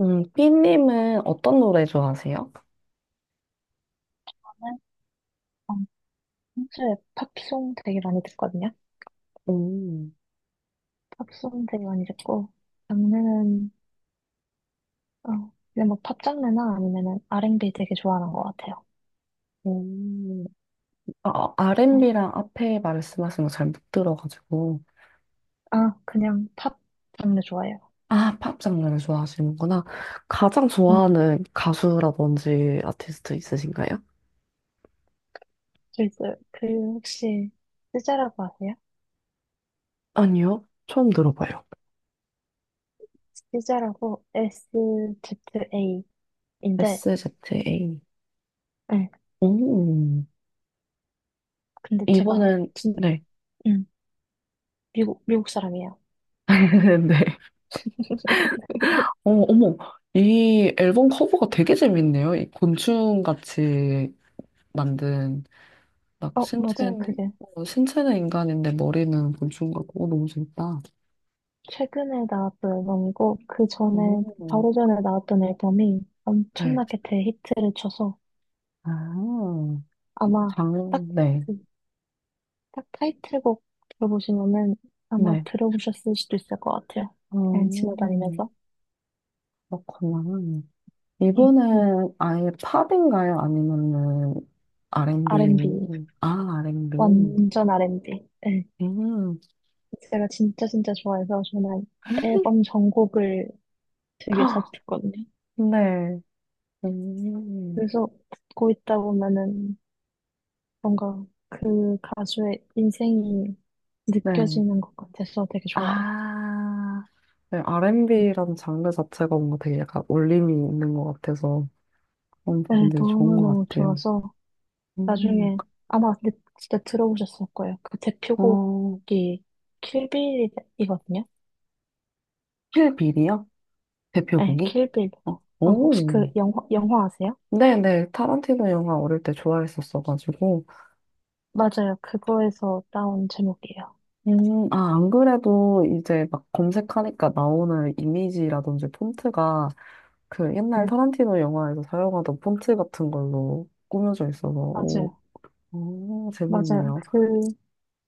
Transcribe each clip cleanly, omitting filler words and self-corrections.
삐님은 어떤 노래 좋아하세요? 어, 평소에 팝송 되게 많이 듣거든요. 음. 팝송 되게 많이 듣고 장르는 어, 그냥 뭐팝 장르나 아니면은 R&B 되게 좋아하는 것 같아요. 음, 아, 어, 어, R&B랑 앞에 말씀하신 거 잘 못 들어가지고. 아 그냥 팝 장르 좋아해요. 아, 팝 장르를 좋아하시는구나. 가장 음, 좋아하는 가수라든지 아티스트 있으신가요? 저 있어요. 그 혹시 스자라고 아세요? 아니요, 처음 들어봐요. 스자라고 SZA인데, SZA. 네, 음, 근데 이번엔, 네. 음, 미국 사람이에요. 네. 어, 어머, 이 앨범 커버가 되게 재밌네요. 이 곤충같이 만든. 막 어 맞아요. 신체는, 그게 신체는 인간인데 머리는 곤충 같고, 어, 너무 재밌다. 최근에 나왔던 앨범이고 그 전에 오, 바로 전에 나왔던 앨범이 네. 엄청나게 대히트를 쳐서 아, 아마 장, 딱 네. 그 딱 타이틀곡 들어보시면은 아마 네. 들어보셨을 수도 있을 것 같아요. 그냥 어, 지나다니면서 그렇구나. 이 네, 번 은 아예 팝인가요? 아니면은 R&B R&B? 아, R&B. 완전 R&B. 네. 음, 제가 진짜 진짜 좋아해서 저는 앨범 전곡을 되게 자주 헉, 듣거든요. 네. 음, 그래서 듣고 있다 보면은 뭔가 그 가수의 인생이 네. 느껴지는 것 같아서 되게 좋아요. 아, 네. R&B라는 장르 자체가 뭔가 되게 약간 울림이 있는 것 같아서. 그런 네, 부분들이 좋은 것 너무너무 같아요. 좋아서 음, 나중에 아마 근데 진짜 들어보셨을 거예요. 그 어, 대표곡이 킬빌이거든요. 킬빌이요? 네, 대표곡이? 킬빌. 어, 혹시 그 오. 영화 아세요? 네네, 타란티노 영화 어릴 때 좋아했었어가지고. 맞아요. 그거에서 따온 제목이에요. 아, 안 그래도 이제 막 검색하니까 나오는 이미지라든지 폰트가 그 옛날 네, 타란티노 영화에서 사용하던 폰트 같은 걸로 꾸며져 있어서, 오, 맞아요. 오, 맞아요. 재밌네요. 그,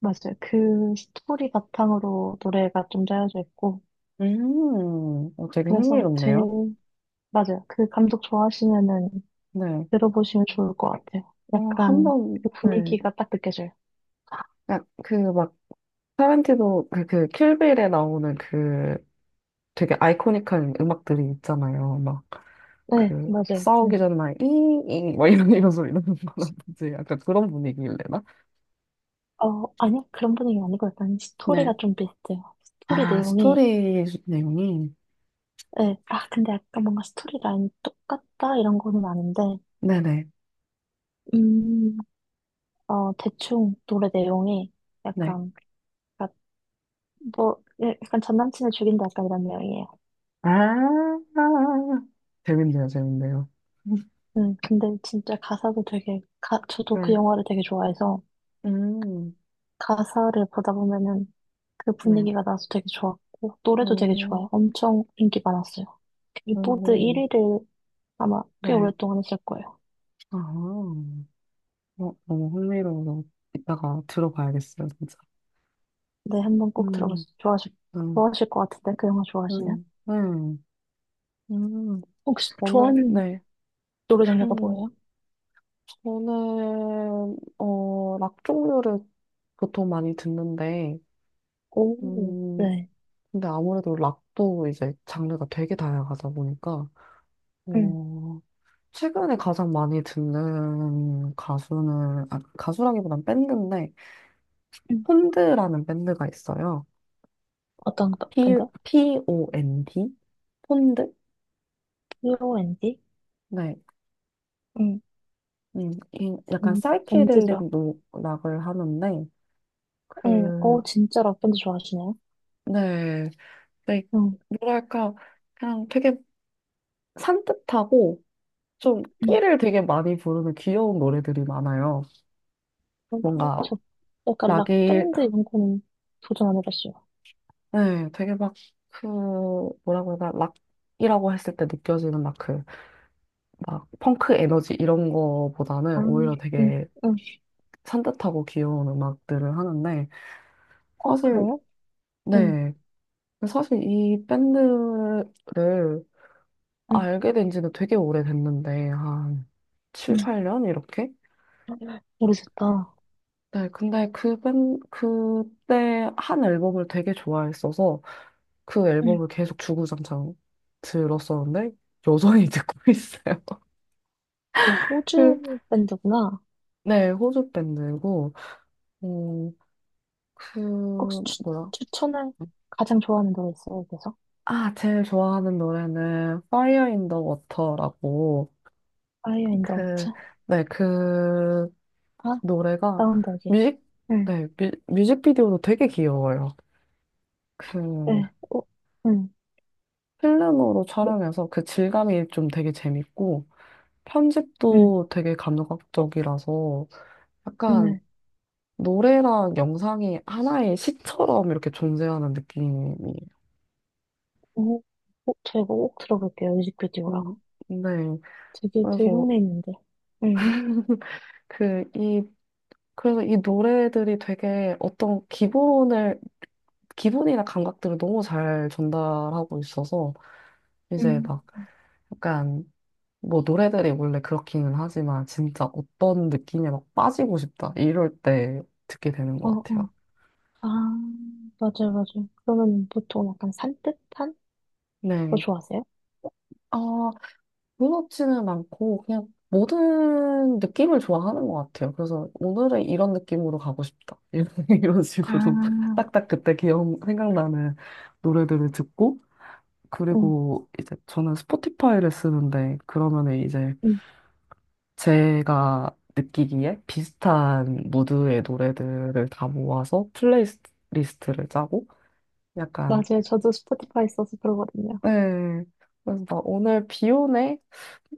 맞아요. 그 스토리 바탕으로 노래가 좀 짜여져 있고, 어, 되게 그래서 흥미롭네요. 맞아요. 그 감독 좋아하시면은 네. 들어보시면 좋을 것 같아요. 어, 약간 한번, 그 네. 분위기가 딱 느껴져요. 그막 타란티노 그, 그 킬빌에 나오는 그 되게 아이코닉한 음악들이 있잖아요. 막 네, 그 맞아요. 네. 싸우기 전에 막 이잉 막 이런 소리 나는 거라든지 약간 그런 분위기일래나? 아니, 그런 분위기 아니고 약간 스토리가 네. 좀 비슷해요. 스토리 아, 내용이, 스토리 내용이. 네. 아, 근데 약간 뭔가 스토리 라인이 똑같다 이런 거는 아닌데, 네네. 음, 대충 노래 내용이 네. 약간, 그러니까 뭐, 예, 약간 전 남친을 죽인다 약간 이런 내용이에요. 아 재밌네요, 재밌네요. 근데 진짜 가사도 되게, 저도 그 네. 영화를 되게 좋아해서 음, 가사를 보다 보면은 그 네. 분위기가 나서 되게 좋았고, 노래도 되게 어, 좋아요. 엄청 인기 많았어요. 빌보드 오, 1위를 아마 꽤 네. 오랫동안 했을 거예요. 아, 어, 너무 흥미로워서 이따가 들어봐야겠어요, 진짜. 네, 한번 꼭 음, 들어보세요. 좋아하실, 음, 좋아하실 것 같은데, 그 영화 좋아하시면. 음, 음, 음, 혹시 저는, 좋아하는 네. 노래 장르가 음, 뭐예요? 저는, 락 종류를 보통 많이 듣는데, 오, 음, 네. 근데 아무래도 락도 이제 장르가 되게 다양하다 보니까, 음, 어, 최근에 가장 많이 듣는 가수는, 아, 가수라기보단 밴드인데, 음. 폰드라는 밴드가 있어요. P, 밴드? P-O-N-D? 폰드? BOND? 네. 음, 이- 약간 음, 사이키델릭 밴드죠. 락을 하는데, 그, 오, 진짜 락밴드 좋아하시네요. 네, 네, 음, 뭐랄까, 그냥 되게 산뜻하고, 좀 음. 끼를 되게 많이 부르는 귀여운 노래들이 많아요. 어, 뭔가, 저 약간 락이, 락밴드 이런 거는 도전 안 해봤어요. 네, 되게 막, 그, 뭐라고 해야 되나, 락이라고 했을 때 느껴지는 막 그, 막, 펑크 에너지 이런 거보다는 아, 오히려 되게 음. 산뜻하고 귀여운 음악들을 하는데, 어, 사실, 그래요? 응. 네, 사실 이 밴드를 응, 알게 된 지는 되게 오래됐는데, 한 응, 7, 8년? 이렇게? 모르겠다. 네, 근데 그 밴, 그때 한 앨범을 되게 좋아했어서 그 응. 앨범을 계속 주구장창 들었었는데, 여전히 듣고 있어요. 야, 호주 그- 밴드구나. 네, 호주 밴드고, 음, 그, 혹시 뭐야. 추천할 가장 좋아하는 노래 있어요, 그래서? 아, 제일 좋아하는 노래는 Fire in the Water라고, 파이어 인더 그, 워터? 네, 그 아, 노래가 다운버기. 뮤직, 응. 네, 뮤직비디오도 되게 귀여워요. 그 네, 어, 응. 필름으로 네, 촬영해서 그 질감이 좀 되게 재밌고 응, 편집도 되게 감각적이라서 약간 네. 노래랑 영상이 하나의 시처럼 이렇게 존재하는 느낌이. 어, 어, 제가 꼭 들어볼게요, 뮤직비디오랑. 음, 네. 되게 그래서 들형내 있는데. 응. 그 이 그래서 이 노래들이 되게 어떤 기본을 기본이나 감각들을 너무 잘 전달하고 있어서 응. 이제 막 약간 뭐 노래들이 원래 그렇기는 하지만 진짜 어떤 느낌에 막 빠지고 싶다 이럴 때 듣게 되는 어, 것 어. 같아요. 아, 맞아요, 맞아요. 그러면 보통 약간 산뜻한 거 네. 좋아하세요? 아, 무섭지는 않고 그냥 모든 느낌을 좋아하는 것 같아요. 그래서 오늘은 이런 느낌으로 가고 싶다. 이런 식으로 아, 딱딱 그때 기억 생각나는 노래들을 듣고 응, 그리고 이제 저는 스포티파이를 쓰는데 그러면은 이제 응. 제가 느끼기에 비슷한 무드의 노래들을 다 모아서 플레이리스트를 짜고 약간 맞아요. 저도 스포티파이 써서 그러거든요. 네. 그래서 막 오늘 비 오네?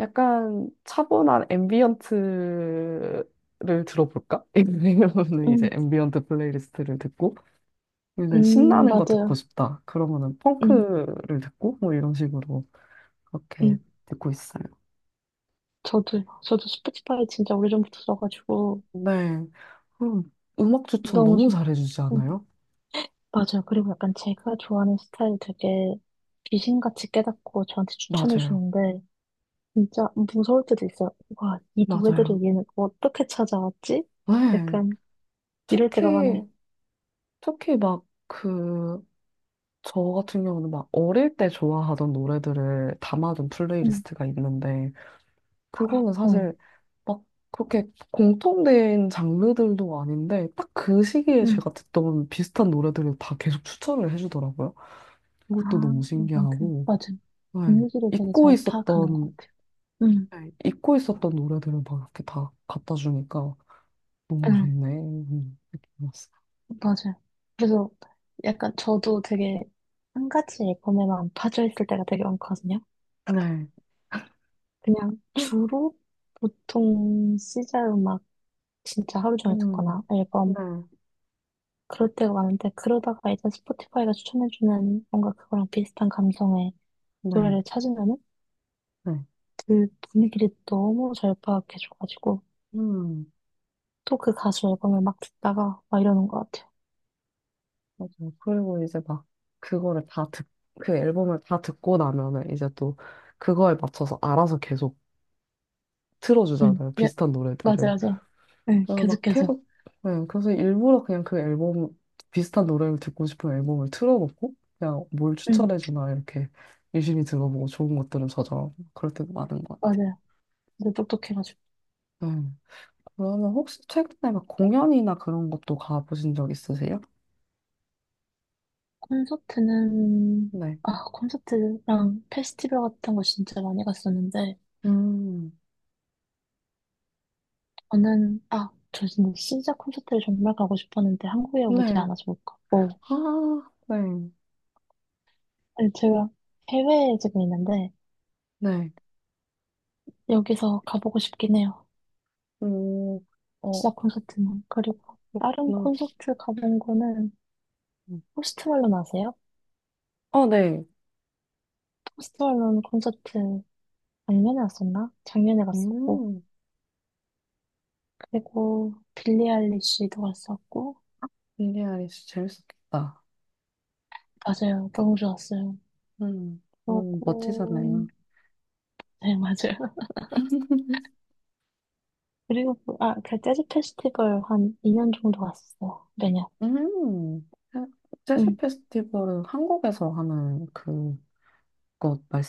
약간 차분한 앰비언트를 들어볼까? 이러면은 이제 응. 앰비언트 플레이리스트를 듣고 이제 신나는 거 듣고 맞아요. 싶다. 그러면은 음, 펑크를 듣고 뭐 이런 식으로 음. 그렇게 듣고 있어요. 저도요. 저도 스포티파이 진짜 오래전부터 써가지고 네. 음, 음악 추천 너무 너무 좋. 잘해주지 음, 않아요? 맞아요. 그리고 약간 제가 좋아하는 스타일 되게 귀신같이 깨닫고 저한테 추천해 맞아요. 주는데 진짜 무서울 때도 있어요. 와, 이 맞아요. 노래들을 얘는 어떻게 찾아왔지? 네. 약간 이럴 때가 특히, 많아요. 특히 막 그, 저 같은 경우는 막 어릴 때 좋아하던 노래들을 담아둔 음, 플레이리스트가 있는데, 그거는 네. 사실 막 그렇게 공통된 장르들도 아닌데, 딱 그 시기에 음. 제가 듣던 비슷한 노래들을 다 계속 추천을 해주더라고요. 그것도 아, 너무 약간 그 신기하고, 맞아요. 네. 분위기를 되게 잊고 잘 파악하는 것 있었던, 같아요. 음, 네. 잊고 있었던 노래들을 막 이렇게 다 갖다 주니까 너무 네. 좋네. 느낌이었어요. 맞아요. 그래서 약간 저도 되게 한 가지 앨범에만 빠져 있을 때가 되게 많거든요. 네. 그냥 주로 보통 시자 음악 진짜 하루 종일 음, 듣거나 네. 앨범 그럴 때가 많은데 그러다가 일단 스포티파이가 추천해주는 뭔가 그거랑 비슷한 감성의 네, 노래를 찾으면은 네. 그 분위기를 너무 잘 파악해줘가지고 음, 또 그 가수 앨범을 막 듣다가 막 이러는 것 같아요. 맞아요. 그리고 이제 막 그거를 다 듣, 그 앨범을 다 듣고 나면은 이제 또 그거에 맞춰서 알아서 계속 응, 틀어주잖아요. 예, 비슷한 노래들을. 맞아요, 맞아요. 응, 그래서 계속 막 계속. 계속, 네, 그래서 일부러 그냥 비슷한 노래를 듣고 싶은 앨범을 틀어놓고 그냥 뭘 응, 추천해주나 이렇게 유심히 들어보고 좋은 것들은 저장 그럴 때도 많은 것 맞아요. 근데 똑똑해가지고. 같아요. 네. 그러면 혹시 최근에 막 공연이나 그런 것도 가보신 적 있으세요? 콘서트는, 네 아, 콘서트랑 페스티벌 같은 거 진짜 많이 갔었는데, 음, 저 진짜 진자 콘서트를 정말 가고 싶었는데, 한국에 오지 네. 않아서 못 갔고, 아, 네. 아니, 제가 해외에 지금 있는데, 네. 여기서 가보고 싶긴 해요. 오, 시 어, 자 콘서트는. 그리고 다른 그렇구나. 콘서트 가본 거는, 음. 포스트 말론 아세요? 어, 네. 포스트 말론 콘서트 작년에 갔었나? 작년에 갔었고, 음, 그리고 빌리 아일리시도 갔었고, 빌리 아이리시 재밌었겠다. 맞아요. 너무 좋았어요. 음, 그러고, 멋지잖아요. 네, 맞아요. 그리고, 아, 그 재즈 페스티벌 한 2년 정도 갔었어요. 매년. 음, 재- 재즈 응. 페스티벌은 한국에서 하는 그것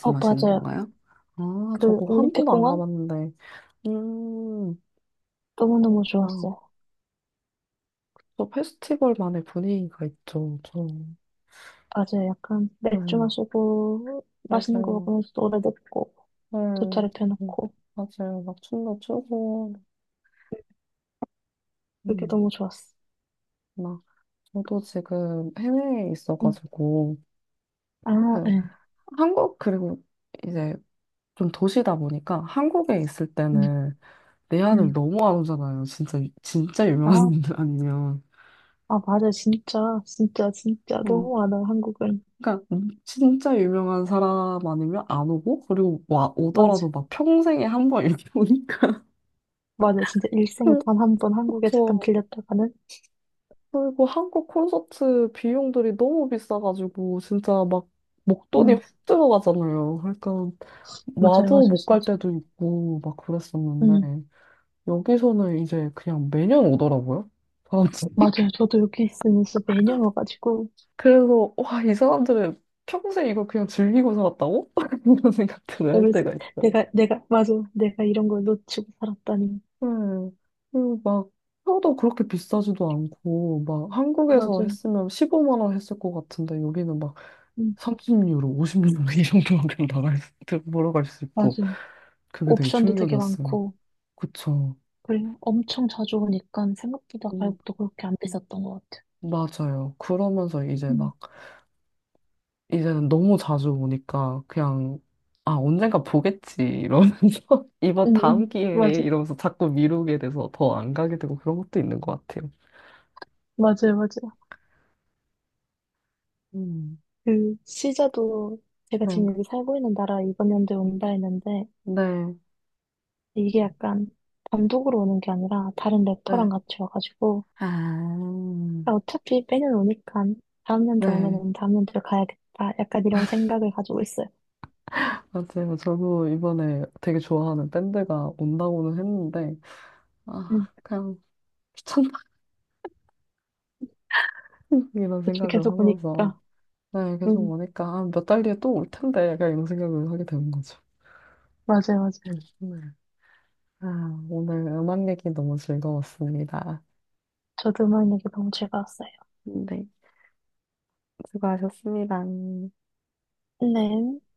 어, 맞아요. 건가요? 아, 그 저거 한 올림픽 번도 안 공원? 가봤는데. 음, 너무너무 그렇구나. 좋았어요. 또 페스티벌만의 분위기가 있죠. 저, 맞아요. 약간 맥주 네, 마시고, 맛있는 거 맞아요. 먹으면서 노래 듣고, 돗자리 음, 음, 펴놓고. 맞막 춤도 추고, 그게 음, 너무 좋았어. 막, 저도 지금 해외에 응. 있어가지고, 아, 그, 네. 한국, 그리고 이제 좀 도시다 보니까 한국에 있을 응, 때는 내 아들 응. 너무 안 오잖아요. 진짜, 진짜 유명한 아, 사람 아니면. 아, 맞아. 진짜, 진짜, 진짜. 어, 너무 많아, 한국은. 그러니까, 진짜 유명한 사람 아니면 안 오고, 그리고 와, 맞아. 오더라도 막 평생에 한 번 이렇게 오니까. 맞아. 진짜 일생에 그단 한 번 한국에 잠깐 죠 들렸다가는. 그리고 한국 콘서트 비용들이 너무 비싸가지고 진짜 막 목돈이 확 응. 들어가잖아요. 그러니까 맞아요. 맞아요. 와도 못 갈 진짜. 때도 있고 막 응. 그랬었는데 여기서는 이제 그냥 매년 오더라고요. 사람들이. 맞아요. 저도 여기 있으면서 매년 와가지고 그래서 와, 이 사람들은 평생 이걸 그냥 즐기고 살았다고? 이런 생각들을 할 그래서 때가 있어요. 내가 맞아. 내가 이런 걸 놓치고 살았다니. 네. 그리고 막 표도 그렇게 비싸지도 않고 막 한국에서 맞아요. 했으면 15만 원 했을 것 같은데 여기는 막 음, 30유로, 50유로 이 정도만 그냥 나갈 수, 보러 갈 수 있고 맞아요. 그게 되게 옵션도 되게 충격이었어요. 많고 그쵸. 그리고 엄청 자주 오니까 생각보다 음, 가격도 그렇게 안 비쌌던 것 같아요. 맞아요. 그러면서 이제 음, 막 이제는 너무 자주 오니까 그냥 아 언젠가 보겠지 이러면서 이번 다음 기회에 맞아, 이러면서 자꾸 미루게 돼서 더 안 가게 되고 그런 것도 있는 것 같아요. 맞아요, 맞아요. 음, 그 시자도 제가 지금 네, 여기 살고 있는 나라 이번 연도에 온다 했는데 네, 이게 약간 단독으로 오는 게 아니라 다른 네. 래퍼랑 같이 와가지고 아, 아, 어차피 빼는 오니까 다음 연도 네. 오면은 다음 연도에 가야겠다. 약간 이런 생각을 가지고 있어요. 맞아요. 저도 이번에 되게 좋아하는 밴드가 온다고는 했는데, 아, 음, 그냥 천박이라는 계속 생각을 계속 하면서 오니까. 네, 계속 음, 오니까 아, 몇 달 뒤에 또 올 텐데 약간 이런 생각을 하게 되는 거죠. 맞아요, 맞아요. 네. 아, 오늘 음악 얘기 너무 즐거웠습니다. 저도 음악 얘기 너무 즐거웠어요. 네, 수고하셨습니다. 네.